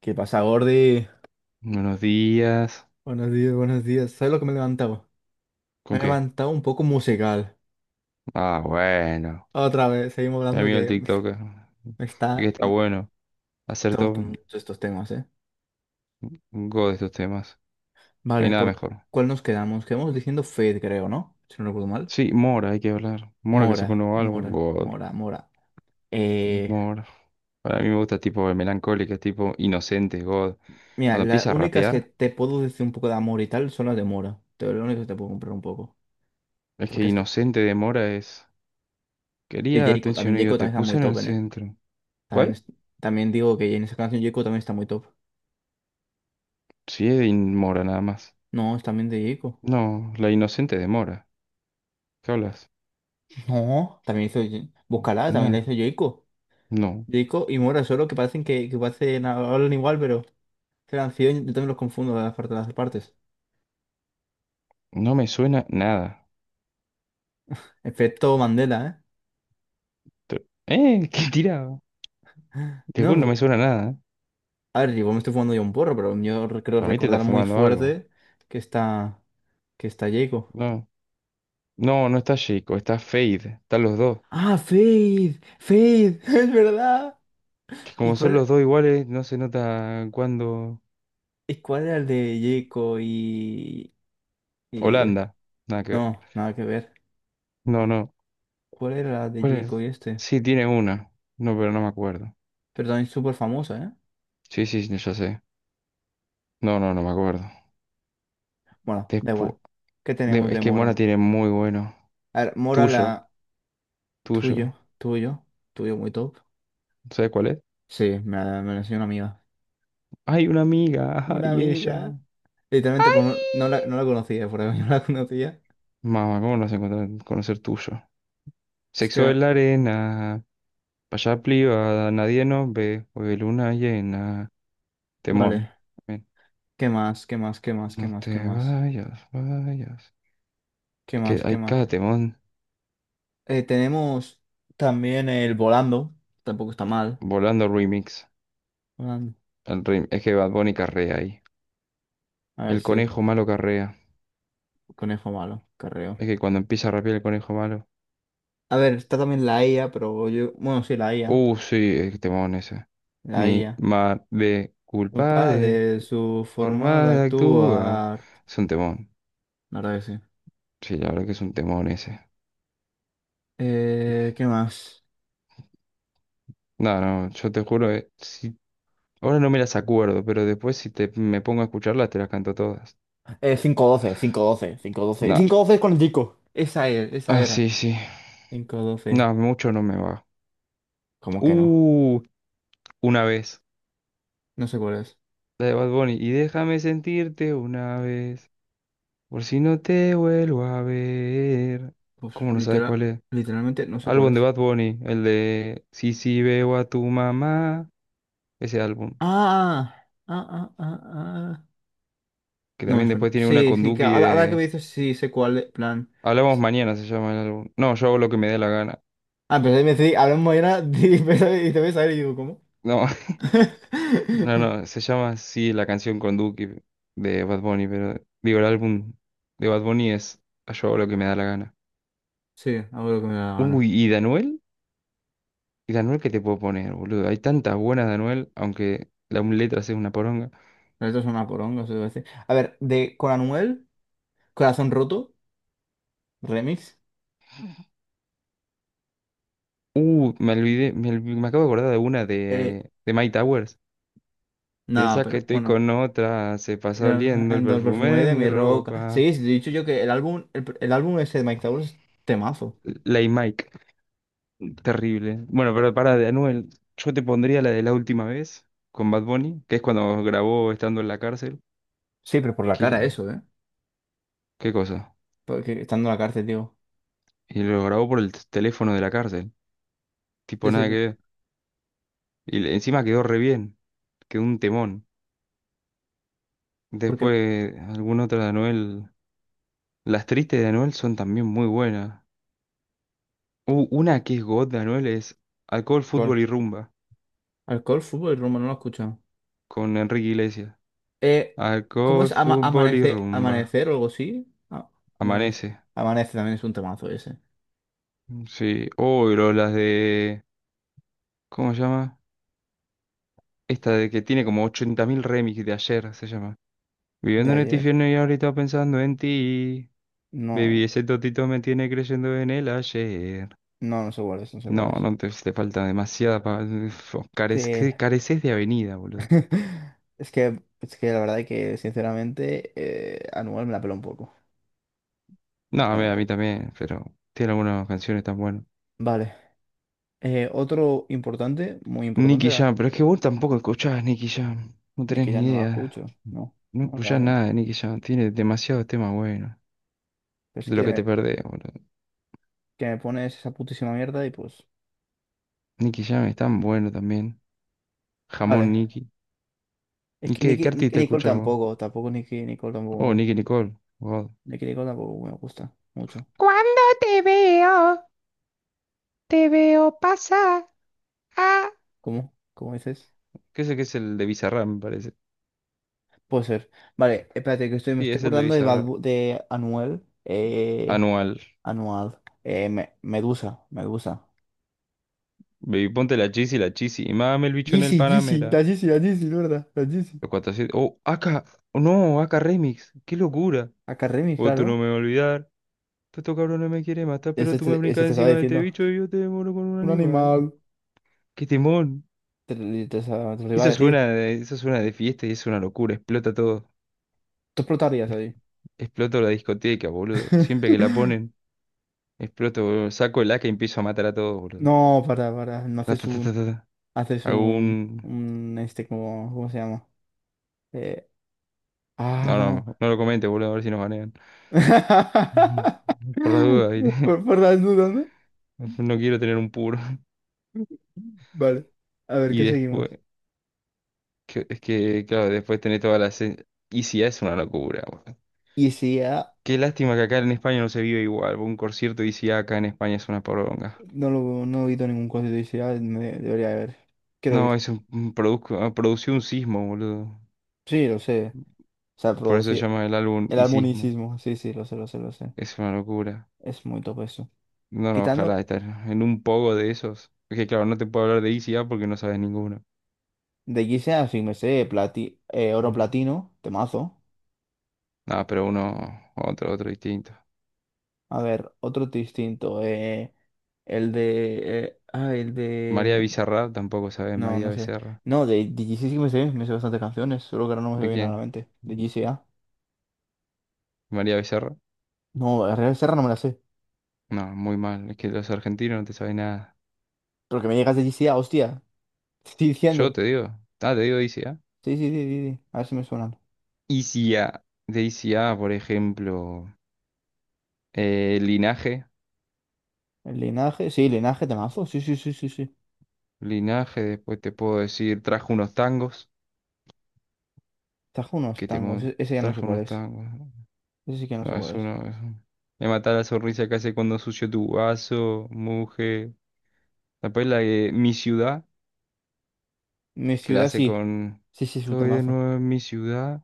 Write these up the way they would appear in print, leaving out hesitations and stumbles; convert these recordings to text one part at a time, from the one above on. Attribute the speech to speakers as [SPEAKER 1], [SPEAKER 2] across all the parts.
[SPEAKER 1] ¿Qué pasa, Gordy?
[SPEAKER 2] Buenos días.
[SPEAKER 1] Buenos días, buenos días. ¿Sabes lo que me he levantado? Me
[SPEAKER 2] ¿Con
[SPEAKER 1] he
[SPEAKER 2] qué?
[SPEAKER 1] levantado un poco musical.
[SPEAKER 2] Ah, bueno.
[SPEAKER 1] Otra vez, seguimos
[SPEAKER 2] Mi
[SPEAKER 1] hablando
[SPEAKER 2] amigo el
[SPEAKER 1] que me está...
[SPEAKER 2] TikToker.
[SPEAKER 1] me
[SPEAKER 2] Ve que
[SPEAKER 1] está-
[SPEAKER 2] está bueno.
[SPEAKER 1] Estamos
[SPEAKER 2] Acertó
[SPEAKER 1] gustan
[SPEAKER 2] un
[SPEAKER 1] mucho estos temas, ¿eh?
[SPEAKER 2] un God de estos temas. No hay
[SPEAKER 1] Vale,
[SPEAKER 2] nada
[SPEAKER 1] ¿por
[SPEAKER 2] mejor.
[SPEAKER 1] cuál nos quedamos? Quedamos diciendo Fade, creo, ¿no? Si no recuerdo mal.
[SPEAKER 2] Sí, Mora, hay que hablar. Mora que sacó un
[SPEAKER 1] Mora,
[SPEAKER 2] nuevo álbum,
[SPEAKER 1] Mora,
[SPEAKER 2] God.
[SPEAKER 1] Mora, Mora. Eh,
[SPEAKER 2] Mora. Para mí me gusta tipo de melancólica, tipo inocente, God.
[SPEAKER 1] Mira,
[SPEAKER 2] Cuando
[SPEAKER 1] las
[SPEAKER 2] empieza a
[SPEAKER 1] únicas que
[SPEAKER 2] rapear,
[SPEAKER 1] te puedo decir un poco de amor y tal son las de Mora. Lo único que te puedo comprar un poco.
[SPEAKER 2] es que
[SPEAKER 1] Porque es que.
[SPEAKER 2] inocente de Mora es.
[SPEAKER 1] Y
[SPEAKER 2] Quería atención y
[SPEAKER 1] Jacob
[SPEAKER 2] yo te
[SPEAKER 1] también está muy
[SPEAKER 2] puse en el
[SPEAKER 1] top, ¿eh?
[SPEAKER 2] centro.
[SPEAKER 1] También,
[SPEAKER 2] ¿Cuál?
[SPEAKER 1] es- también digo que en esa canción Jacob también está muy top.
[SPEAKER 2] Sí, es de Mora nada más.
[SPEAKER 1] No, es también de Jacob.
[SPEAKER 2] No, la inocente de Mora. ¿Qué hablas?
[SPEAKER 1] No, también hizo. Búscala, también la
[SPEAKER 2] No,
[SPEAKER 1] hizo Yoico.
[SPEAKER 2] no.
[SPEAKER 1] Yoico y Mora, solo que parecen que parecen, hablan igual, pero se han sido yo también los confundo de las partes, las partes.
[SPEAKER 2] No me suena nada.
[SPEAKER 1] Efecto Mandela, ¿eh?
[SPEAKER 2] ¿Eh? ¿Qué tirado? Te juro, no me
[SPEAKER 1] No,
[SPEAKER 2] suena nada. ¿Eh?
[SPEAKER 1] a ver, igual me estoy fumando yo un porro, pero creo
[SPEAKER 2] Para mí te está
[SPEAKER 1] recordar muy
[SPEAKER 2] fumando algo.
[SPEAKER 1] fuerte que está. que está Yoico.
[SPEAKER 2] No. No, no está chico, está Fade. Están los dos.
[SPEAKER 1] ¡Ah, Faith! ¡Faith! ¡Es verdad!
[SPEAKER 2] Que
[SPEAKER 1] ¿Y
[SPEAKER 2] como son
[SPEAKER 1] cuál,
[SPEAKER 2] los dos iguales, no se nota cuándo.
[SPEAKER 1] y cuál era el de Yoico y.
[SPEAKER 2] Holanda. Nada que ver.
[SPEAKER 1] No, nada que ver.
[SPEAKER 2] No, no.
[SPEAKER 1] ¿Cuál era la de
[SPEAKER 2] ¿Cuál
[SPEAKER 1] Yoico
[SPEAKER 2] es?
[SPEAKER 1] y este?
[SPEAKER 2] Sí, tiene una. No, pero no me acuerdo.
[SPEAKER 1] Pero también súper famosa, ¿eh?
[SPEAKER 2] Sí, sí, sí, ya sé. No, no, no me acuerdo.
[SPEAKER 1] Bueno, da igual.
[SPEAKER 2] Despu-
[SPEAKER 1] ¿Qué tenemos
[SPEAKER 2] Es
[SPEAKER 1] de
[SPEAKER 2] que Mona
[SPEAKER 1] Mora?
[SPEAKER 2] tiene muy bueno.
[SPEAKER 1] A ver, Mora,
[SPEAKER 2] Tuyo,
[SPEAKER 1] la tuyo,
[SPEAKER 2] tuyo.
[SPEAKER 1] tuyo, tuyo muy top.
[SPEAKER 2] ¿Sabes cuál es?
[SPEAKER 1] Sí, me la enseñó una amiga.
[SPEAKER 2] Hay una amiga, ajá,
[SPEAKER 1] Una
[SPEAKER 2] y ella.
[SPEAKER 1] amiga. Literalmente no, no la conocía, por ahí no la conocía.
[SPEAKER 2] Mamá, ¿cómo no vas a conocer tuyo?
[SPEAKER 1] Es que
[SPEAKER 2] Sexo en
[SPEAKER 1] era-
[SPEAKER 2] la arena, pa' allá privada, nadie nos ve, hoy luna llena, temón.
[SPEAKER 1] Vale.
[SPEAKER 2] Ven,
[SPEAKER 1] ¿Qué más? ¿Qué más? ¿Qué más? ¿Qué
[SPEAKER 2] no
[SPEAKER 1] más? ¿Qué
[SPEAKER 2] te
[SPEAKER 1] más?
[SPEAKER 2] vayas.
[SPEAKER 1] ¿Qué
[SPEAKER 2] Es que
[SPEAKER 1] más? ¿Qué
[SPEAKER 2] hay cada
[SPEAKER 1] más?
[SPEAKER 2] temón.
[SPEAKER 1] Tenemos también el volando. Tampoco está mal.
[SPEAKER 2] Volando remix.
[SPEAKER 1] Volando.
[SPEAKER 2] Es que Bad Bunny carrea ahí.
[SPEAKER 1] A ver,
[SPEAKER 2] El
[SPEAKER 1] sí.
[SPEAKER 2] conejo malo carrea.
[SPEAKER 1] Conejo malo, carreo.
[SPEAKER 2] Es que cuando empieza a rapear el conejo malo.
[SPEAKER 1] A ver, está también la IA, pero yo. Bueno, sí, la IA.
[SPEAKER 2] Sí, el temón ese.
[SPEAKER 1] La
[SPEAKER 2] Mi
[SPEAKER 1] IA.
[SPEAKER 2] madre culpa
[SPEAKER 1] Opa,
[SPEAKER 2] de
[SPEAKER 1] de su forma
[SPEAKER 2] forma
[SPEAKER 1] de
[SPEAKER 2] de actúa.
[SPEAKER 1] actuar.
[SPEAKER 2] Es un temón.
[SPEAKER 1] La verdad que sí.
[SPEAKER 2] Sí, la verdad que es un temón ese.
[SPEAKER 1] ¿Qué más?
[SPEAKER 2] No, no, yo te juro, si ahora no me las acuerdo, pero después, si me pongo a escucharlas, te las canto todas.
[SPEAKER 1] Cinco doce, cinco doce, cinco doce,
[SPEAKER 2] No.
[SPEAKER 1] cinco doce es con el disco. Esa es, esa
[SPEAKER 2] Ah,
[SPEAKER 1] era.
[SPEAKER 2] sí, sí.
[SPEAKER 1] Cinco doce.
[SPEAKER 2] No, mucho no me va.
[SPEAKER 1] ¿Cómo que no?
[SPEAKER 2] Uh, una vez.
[SPEAKER 1] No sé cuál es.
[SPEAKER 2] La de Bad Bunny. Y déjame sentirte una vez. Por si no te vuelvo a ver.
[SPEAKER 1] Pues
[SPEAKER 2] ¿Cómo no sabes cuál es?
[SPEAKER 1] literalmente no sé cuál
[SPEAKER 2] Álbum de
[SPEAKER 1] es.
[SPEAKER 2] Bad Bunny. El de sí, sí, veo a tu mamá. Ese álbum.
[SPEAKER 1] Ah, ah, ah, ah, ah.
[SPEAKER 2] Que
[SPEAKER 1] No me
[SPEAKER 2] también
[SPEAKER 1] suena.
[SPEAKER 2] después tiene una
[SPEAKER 1] Sí,
[SPEAKER 2] con
[SPEAKER 1] sí, que
[SPEAKER 2] Duki
[SPEAKER 1] ahora que me
[SPEAKER 2] de...
[SPEAKER 1] dices, sí sé cuál es. Plan.
[SPEAKER 2] Hablamos mañana se llama el álbum. No, yo hago lo que me dé la gana.
[SPEAKER 1] Ah, pero me decís, hablamos era, y te ves a ver y digo, ¿cómo?
[SPEAKER 2] No. No, no, se llama así la canción con Duki de Bad Bunny, pero digo, el álbum de Bad Bunny es Yo Hago Lo Que Me Da La Gana.
[SPEAKER 1] Sí, hago lo que me da la
[SPEAKER 2] Uy,
[SPEAKER 1] gana.
[SPEAKER 2] ¿y Danuel? ¿Y Danuel qué te puedo poner, boludo? Hay tantas buenas de Anuel, aunque la un letra sea una poronga.
[SPEAKER 1] Esto es una poronga, se debe decir. A ver, de con Anuel, Corazón Roto, remix.
[SPEAKER 2] Me olvidé, me acabo de acordar de una
[SPEAKER 1] Eh,
[SPEAKER 2] de Mike Towers.
[SPEAKER 1] no,
[SPEAKER 2] Piensa que
[SPEAKER 1] pero
[SPEAKER 2] estoy
[SPEAKER 1] bueno.
[SPEAKER 2] con otra, se pasa
[SPEAKER 1] Pero,
[SPEAKER 2] oliendo el
[SPEAKER 1] del
[SPEAKER 2] perfume
[SPEAKER 1] perfume
[SPEAKER 2] de
[SPEAKER 1] de
[SPEAKER 2] mi
[SPEAKER 1] mi roca.
[SPEAKER 2] ropa.
[SPEAKER 1] Sí, sí, te he dicho yo que el álbum ese de Mike Towers es temazo.
[SPEAKER 2] Lay Mike. Terrible. Bueno, pero para de Anuel, yo te pondría la de la última vez con Bad Bunny, que es cuando grabó estando en la cárcel.
[SPEAKER 1] Sí, pero por la
[SPEAKER 2] ¿Qué,
[SPEAKER 1] cara eso, ¿eh?
[SPEAKER 2] qué cosa?
[SPEAKER 1] Porque estando en la cárcel, digo.
[SPEAKER 2] Y lo grabó por el teléfono de la cárcel.
[SPEAKER 1] Sí,
[SPEAKER 2] Tipo,
[SPEAKER 1] sí,
[SPEAKER 2] nada que ver. Y encima quedó re bien. Quedó un temón.
[SPEAKER 1] porque
[SPEAKER 2] Después, alguna otra de Anuel. Las tristes de Anuel son también muy buenas. Una que es God de Anuel es Alcohol,
[SPEAKER 1] ¿cuál?
[SPEAKER 2] Fútbol y Rumba
[SPEAKER 1] Alcohol, fútbol y Roma, no lo he escuchado.
[SPEAKER 2] con Enrique Iglesias.
[SPEAKER 1] Eh, ¿Cómo
[SPEAKER 2] Alcohol,
[SPEAKER 1] es Ama-
[SPEAKER 2] Fútbol y
[SPEAKER 1] amanecer,
[SPEAKER 2] Rumba.
[SPEAKER 1] amanecer o algo así? Ah, amanece.
[SPEAKER 2] Amanece.
[SPEAKER 1] Amanece también es un temazo ese.
[SPEAKER 2] Sí. Oh, pero las de. ¿Cómo se llama? Esta de que tiene como 80.000 remix de ayer, se llama.
[SPEAKER 1] De
[SPEAKER 2] Viviendo en el
[SPEAKER 1] ayer.
[SPEAKER 2] infierno y ahorita pensando en ti. Baby,
[SPEAKER 1] No,
[SPEAKER 2] ese totito me tiene creyendo en el ayer.
[SPEAKER 1] no, no sé cuál es, no sé
[SPEAKER 2] No,
[SPEAKER 1] cuál es.
[SPEAKER 2] si te falta demasiada. Uf,
[SPEAKER 1] Sí.
[SPEAKER 2] careces, careces de avenida, boludo.
[SPEAKER 1] Es que la verdad que sinceramente Anual me la pela un poco,
[SPEAKER 2] No, a mí, a
[SPEAKER 1] sinceramente.
[SPEAKER 2] mí también, pero tiene algunas canciones tan buenas.
[SPEAKER 1] Vale. Otro importante, muy importante
[SPEAKER 2] Nicky
[SPEAKER 1] era,
[SPEAKER 2] Jam, pero es que vos tampoco escuchás Nicky Jam. No
[SPEAKER 1] ni
[SPEAKER 2] tenés
[SPEAKER 1] que ya
[SPEAKER 2] ni
[SPEAKER 1] no la escucho.
[SPEAKER 2] idea.
[SPEAKER 1] No,
[SPEAKER 2] No
[SPEAKER 1] no, la verdad
[SPEAKER 2] escuchás
[SPEAKER 1] que no.
[SPEAKER 2] nada de Nicky Jam. Tiene demasiados temas buenos.
[SPEAKER 1] Pero es
[SPEAKER 2] De lo que te
[SPEAKER 1] que,
[SPEAKER 2] perdés, boludo.
[SPEAKER 1] que me pones esa putísima mierda y pues.
[SPEAKER 2] Nicky Jam es tan bueno también. Jamón
[SPEAKER 1] Vale.
[SPEAKER 2] Nicky.
[SPEAKER 1] Es
[SPEAKER 2] ¿Y
[SPEAKER 1] que
[SPEAKER 2] qué
[SPEAKER 1] Nicki, Nicki
[SPEAKER 2] artista
[SPEAKER 1] Nicole
[SPEAKER 2] escuchas vos?
[SPEAKER 1] tampoco Nicki Nicole tampoco me
[SPEAKER 2] Oh, Nicky
[SPEAKER 1] gusta.
[SPEAKER 2] Nicole. Wow.
[SPEAKER 1] Nicki Nicole tampoco me gusta mucho.
[SPEAKER 2] Cuando te veo, te veo pasar. Ah,
[SPEAKER 1] ¿Cómo? ¿Cómo dices?
[SPEAKER 2] ¿qué es el de Bizarrap, me parece?
[SPEAKER 1] Puede ser. Vale, espérate, me
[SPEAKER 2] Sí,
[SPEAKER 1] estoy
[SPEAKER 2] es el de
[SPEAKER 1] acordando de, Bad
[SPEAKER 2] Bizarrap.
[SPEAKER 1] Bu- de Anuel.
[SPEAKER 2] Anual.
[SPEAKER 1] Anual. Medusa, Medusa.
[SPEAKER 2] Baby, ponte la chisi, la chisi. Y mame el bicho en
[SPEAKER 1] Yeezy,
[SPEAKER 2] el
[SPEAKER 1] Yeezy, la
[SPEAKER 2] Panamera.
[SPEAKER 1] Yeezy, la Yeezy, de ¿verdad? La Yeezy.
[SPEAKER 2] Los 400. Oh, acá. Oh, no, acá Remix. ¡Qué locura!
[SPEAKER 1] Akaremi,
[SPEAKER 2] Vos tú
[SPEAKER 1] claro.
[SPEAKER 2] no me vas a olvidar. Tú estos no me quieren matar, pero
[SPEAKER 1] Ese
[SPEAKER 2] tú me
[SPEAKER 1] te, ese
[SPEAKER 2] brincas
[SPEAKER 1] te estaba
[SPEAKER 2] encima de este
[SPEAKER 1] diciendo.
[SPEAKER 2] bicho y yo te demoro con un
[SPEAKER 1] Un
[SPEAKER 2] animal.
[SPEAKER 1] animal.
[SPEAKER 2] ¡Qué temón!
[SPEAKER 1] Te lo iba a
[SPEAKER 2] Eso
[SPEAKER 1] decir.
[SPEAKER 2] suena de, eso suena de fiesta y es una locura. Explota todo.
[SPEAKER 1] Tú explotarías
[SPEAKER 2] Es-
[SPEAKER 1] ahí.
[SPEAKER 2] Exploto la discoteca, boludo. Siempre que la ponen, exploto, boludo. Saco el AK y empiezo a matar a todos, boludo.
[SPEAKER 1] No, para, para. No
[SPEAKER 2] Ta,
[SPEAKER 1] haces
[SPEAKER 2] ta, ta,
[SPEAKER 1] un.
[SPEAKER 2] ta, ta, ta.
[SPEAKER 1] Haces
[SPEAKER 2] Hago un...
[SPEAKER 1] un. Un este, como. ¿Cómo se llama? Eh, ah,
[SPEAKER 2] No,
[SPEAKER 1] no.
[SPEAKER 2] no, no lo comentes, boludo, a ver si nos banean. Ujú. Por la duda, ¿viste?
[SPEAKER 1] Por las dudas, ¿no?
[SPEAKER 2] No quiero tener un puro.
[SPEAKER 1] Vale. A ver,
[SPEAKER 2] Y
[SPEAKER 1] ¿qué seguimos?
[SPEAKER 2] después, es que, claro, después tenés todas las... ICA es una locura, boludo.
[SPEAKER 1] Y si
[SPEAKER 2] Qué lástima que acá en España no se vive igual. Un concierto de ICA acá en España es una poronga.
[SPEAKER 1] No he visto ningún concierto y sí, debería haber. Quiero
[SPEAKER 2] No,
[SPEAKER 1] ir.
[SPEAKER 2] es un produció un sismo, boludo.
[SPEAKER 1] Sí, lo sé. O sea,
[SPEAKER 2] Por eso se
[SPEAKER 1] producir.
[SPEAKER 2] llama el álbum
[SPEAKER 1] El
[SPEAKER 2] Y Sismo.
[SPEAKER 1] armonicismo. Sí, sí, lo sé, lo sé, lo sé.
[SPEAKER 2] Es una locura.
[SPEAKER 1] Es muy top eso.
[SPEAKER 2] No, no, ojalá
[SPEAKER 1] Quitando
[SPEAKER 2] estar en un poco de esos. Porque claro, no te puedo hablar de ICA porque no sabes ninguno.
[SPEAKER 1] de Giseas, así me sé, plati oro
[SPEAKER 2] Ujú.
[SPEAKER 1] platino, temazo.
[SPEAKER 2] Nada, pero uno, otro distinto.
[SPEAKER 1] A ver, otro distinto. eh, el de. eh, ah, el
[SPEAKER 2] María
[SPEAKER 1] de.
[SPEAKER 2] Bizarra, tampoco sabes
[SPEAKER 1] No,
[SPEAKER 2] María
[SPEAKER 1] no sé.
[SPEAKER 2] Becerra.
[SPEAKER 1] No, de GC sí que me sé bastantes canciones, solo que ahora no me se
[SPEAKER 2] ¿De
[SPEAKER 1] viene a la
[SPEAKER 2] quién?
[SPEAKER 1] mente. De GCA.
[SPEAKER 2] María Becerra.
[SPEAKER 1] No, Real Serra no me la sé.
[SPEAKER 2] No, muy mal. Es que los argentinos no te saben nada.
[SPEAKER 1] Pero que me llegas de GCA, hostia. Te estoy
[SPEAKER 2] Yo
[SPEAKER 1] diciendo.
[SPEAKER 2] te digo. Ah, te digo de ICA.
[SPEAKER 1] Sí, sí, sí, sí, sí. A ver si me suenan.
[SPEAKER 2] ICA. De ICA, por ejemplo. Linaje.
[SPEAKER 1] El linaje, sí, linaje temazo. Sí, sí, sí, sí, sí.
[SPEAKER 2] Linaje, después te puedo decir, trajo unos tangos.
[SPEAKER 1] Trajo unos tangos. Ese ya no sé
[SPEAKER 2] Trajo
[SPEAKER 1] cuál
[SPEAKER 2] unos
[SPEAKER 1] es.
[SPEAKER 2] tangos, ¿no?
[SPEAKER 1] Ese sí que no sé
[SPEAKER 2] No, es
[SPEAKER 1] cuál es.
[SPEAKER 2] uno. Es uno. Me mata la sonrisa que hace cuando sucio tu vaso, mujer. Después la de Mi Ciudad,
[SPEAKER 1] Mi
[SPEAKER 2] que la
[SPEAKER 1] ciudad
[SPEAKER 2] hace
[SPEAKER 1] sí.
[SPEAKER 2] con.
[SPEAKER 1] Sí, sí, es un
[SPEAKER 2] Estoy de
[SPEAKER 1] temazo.
[SPEAKER 2] nuevo en mi ciudad.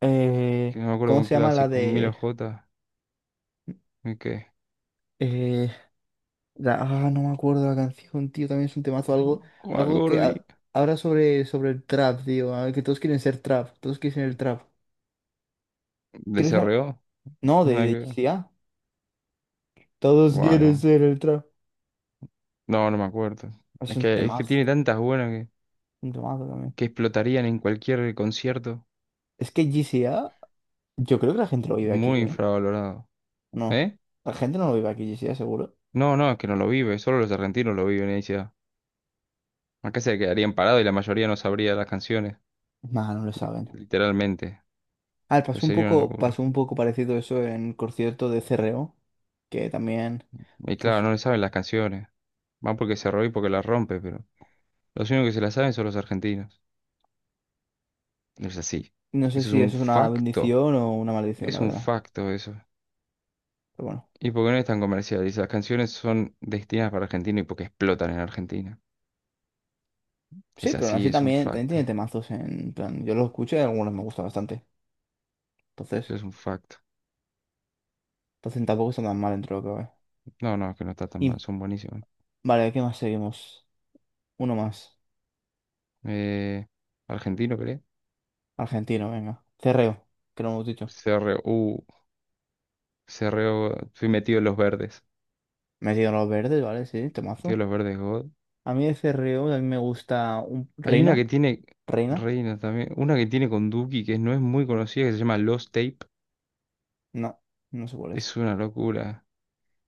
[SPEAKER 2] Que no me acuerdo
[SPEAKER 1] ¿Cómo
[SPEAKER 2] con
[SPEAKER 1] se
[SPEAKER 2] qué la
[SPEAKER 1] llama la
[SPEAKER 2] hace, con Milo
[SPEAKER 1] de.
[SPEAKER 2] J. ¿Y qué?
[SPEAKER 1] eh, no me acuerdo la canción, tío. También es un temazo. Algo,
[SPEAKER 2] ¿Cuál,
[SPEAKER 1] algo que ha-
[SPEAKER 2] gordi?
[SPEAKER 1] habla sobre el trap, tío. A ver, que todos quieren ser trap. Todos quieren ser el trap.
[SPEAKER 2] ¿De
[SPEAKER 1] Creo que se llama.
[SPEAKER 2] CRO?
[SPEAKER 1] No, de,
[SPEAKER 2] Nada que
[SPEAKER 1] de G
[SPEAKER 2] ver.
[SPEAKER 1] C A. Todos quieren
[SPEAKER 2] Bueno,
[SPEAKER 1] ser el trap.
[SPEAKER 2] no, no me acuerdo.
[SPEAKER 1] Es
[SPEAKER 2] Es
[SPEAKER 1] un
[SPEAKER 2] que, es que tiene
[SPEAKER 1] temazo.
[SPEAKER 2] tantas buenas que,
[SPEAKER 1] Un temazo también.
[SPEAKER 2] que explotarían en cualquier concierto.
[SPEAKER 1] Es que G C A. Yo creo que la gente lo vive aquí,
[SPEAKER 2] Muy
[SPEAKER 1] ¿eh?
[SPEAKER 2] infravalorado.
[SPEAKER 1] No.
[SPEAKER 2] ¿Eh?
[SPEAKER 1] La gente no lo vive aquí, sí, seguro.
[SPEAKER 2] No, no, es que no lo vive, solo los argentinos lo viven. Acá se quedarían parados y la mayoría no sabría las canciones,
[SPEAKER 1] Nah, no lo saben.
[SPEAKER 2] literalmente.
[SPEAKER 1] A ver,
[SPEAKER 2] Pero
[SPEAKER 1] pasó un
[SPEAKER 2] sería una
[SPEAKER 1] poco, pasó
[SPEAKER 2] locura.
[SPEAKER 1] un poco parecido eso en el concierto de CRO, que también,
[SPEAKER 2] Y claro,
[SPEAKER 1] pues,
[SPEAKER 2] no le saben las canciones. Van porque se roba y porque las rompe, pero los únicos que se las saben son los argentinos. No es así.
[SPEAKER 1] no sé
[SPEAKER 2] Eso es
[SPEAKER 1] si
[SPEAKER 2] un
[SPEAKER 1] eso es una
[SPEAKER 2] facto.
[SPEAKER 1] bendición o una maldición,
[SPEAKER 2] Es
[SPEAKER 1] la
[SPEAKER 2] un
[SPEAKER 1] verdad.
[SPEAKER 2] facto eso.
[SPEAKER 1] Pero bueno.
[SPEAKER 2] Y porque no es tan comercial. Y las canciones son destinadas para Argentina y porque explotan en Argentina.
[SPEAKER 1] Sí,
[SPEAKER 2] Es
[SPEAKER 1] pero aún
[SPEAKER 2] así,
[SPEAKER 1] así
[SPEAKER 2] es un
[SPEAKER 1] también tiene
[SPEAKER 2] facto.
[SPEAKER 1] temazos en plan. Yo los escucho y algunos me gustan bastante.
[SPEAKER 2] Eso
[SPEAKER 1] Entonces,
[SPEAKER 2] es un facto.
[SPEAKER 1] entonces tampoco está tan mal dentro de lo que cabe.
[SPEAKER 2] No, no, que no está tan mal.
[SPEAKER 1] Y
[SPEAKER 2] Son buenísimos.
[SPEAKER 1] vale, ¿qué más seguimos? Uno más.
[SPEAKER 2] Eh, ¿argentino, crees?
[SPEAKER 1] Argentino, venga. CRO, que no hemos dicho.
[SPEAKER 2] C R U CRU. CRU. Fui metido en los verdes.
[SPEAKER 1] Metido en los verdes, ¿vale? Sí,
[SPEAKER 2] Tío,
[SPEAKER 1] temazo.
[SPEAKER 2] los verdes God.
[SPEAKER 1] A mí de C. R. O. a mí me gusta un
[SPEAKER 2] Hay una
[SPEAKER 1] Reina.
[SPEAKER 2] que tiene
[SPEAKER 1] Reina.
[SPEAKER 2] Reina también. Una que tiene con Duki, que no es muy conocida, que se llama Lost Tape.
[SPEAKER 1] No, no sé cuál es.
[SPEAKER 2] Es una locura.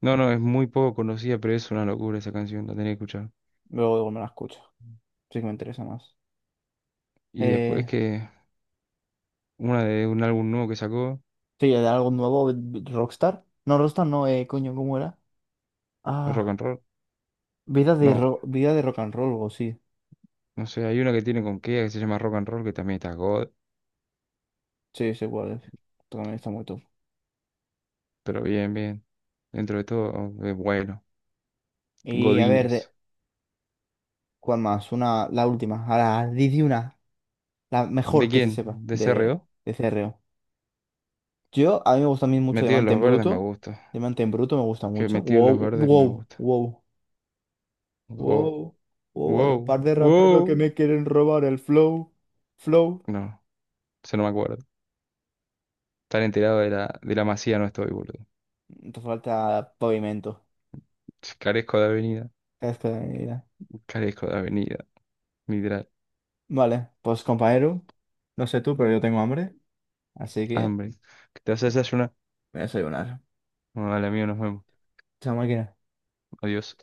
[SPEAKER 2] No, no, es muy poco conocida, pero es una locura esa canción, la tenés que escuchar.
[SPEAKER 1] Luego, luego me la escucho. Sí que me interesa más.
[SPEAKER 2] Y después
[SPEAKER 1] Eh,
[SPEAKER 2] que una de un álbum nuevo que sacó,
[SPEAKER 1] sí, de algo nuevo, Rockstar. No, Rockstar no, coño, ¿cómo era?
[SPEAKER 2] Rock
[SPEAKER 1] Ah,
[SPEAKER 2] and Roll.
[SPEAKER 1] vida de,
[SPEAKER 2] No,
[SPEAKER 1] ro- vida de rock and roll, o sí.
[SPEAKER 2] no sé, hay una que tiene con Kea que se llama Rock and Roll, que también está God,
[SPEAKER 1] Sí, sé cuál es. También está muy top.
[SPEAKER 2] pero bien, bien. Dentro de todo, es bueno.
[SPEAKER 1] Y a ver,
[SPEAKER 2] Godines.
[SPEAKER 1] de. ¿Cuál más? Una, la última. Ahora, di una. La
[SPEAKER 2] ¿De
[SPEAKER 1] mejor que se
[SPEAKER 2] quién?
[SPEAKER 1] sepa
[SPEAKER 2] ¿De C.
[SPEAKER 1] de,
[SPEAKER 2] CRO?
[SPEAKER 1] de C. R. O. A mí me gusta a mí mucho
[SPEAKER 2] Metido en
[SPEAKER 1] Diamante
[SPEAKER 2] los
[SPEAKER 1] en
[SPEAKER 2] verdes me
[SPEAKER 1] Bruto.
[SPEAKER 2] gusta.
[SPEAKER 1] Diamante en Bruto me gusta
[SPEAKER 2] Que
[SPEAKER 1] mucho.
[SPEAKER 2] metido en los
[SPEAKER 1] Wow,
[SPEAKER 2] verdes me
[SPEAKER 1] wow,
[SPEAKER 2] gusta.
[SPEAKER 1] wow.
[SPEAKER 2] Wow.
[SPEAKER 1] Wow, wow, hay un
[SPEAKER 2] Wow,
[SPEAKER 1] par de raperos que
[SPEAKER 2] wow.
[SPEAKER 1] me quieren robar el flow. Flow.
[SPEAKER 2] No, eso no me acuerdo. Tan enterado de la, masía no estoy, boludo.
[SPEAKER 1] Te falta pavimento.
[SPEAKER 2] Carezco de avenida,
[SPEAKER 1] Es que, mira.
[SPEAKER 2] carezco de avenida, literal.
[SPEAKER 1] Vale, pues compañero, no sé tú, pero yo tengo hambre, así que me
[SPEAKER 2] Hambre. ¿Qué te vas a desayunar?
[SPEAKER 1] voy a desayunar.
[SPEAKER 2] Bueno, dale, amigo, nos vemos.
[SPEAKER 1] Chao, máquina.
[SPEAKER 2] Adiós.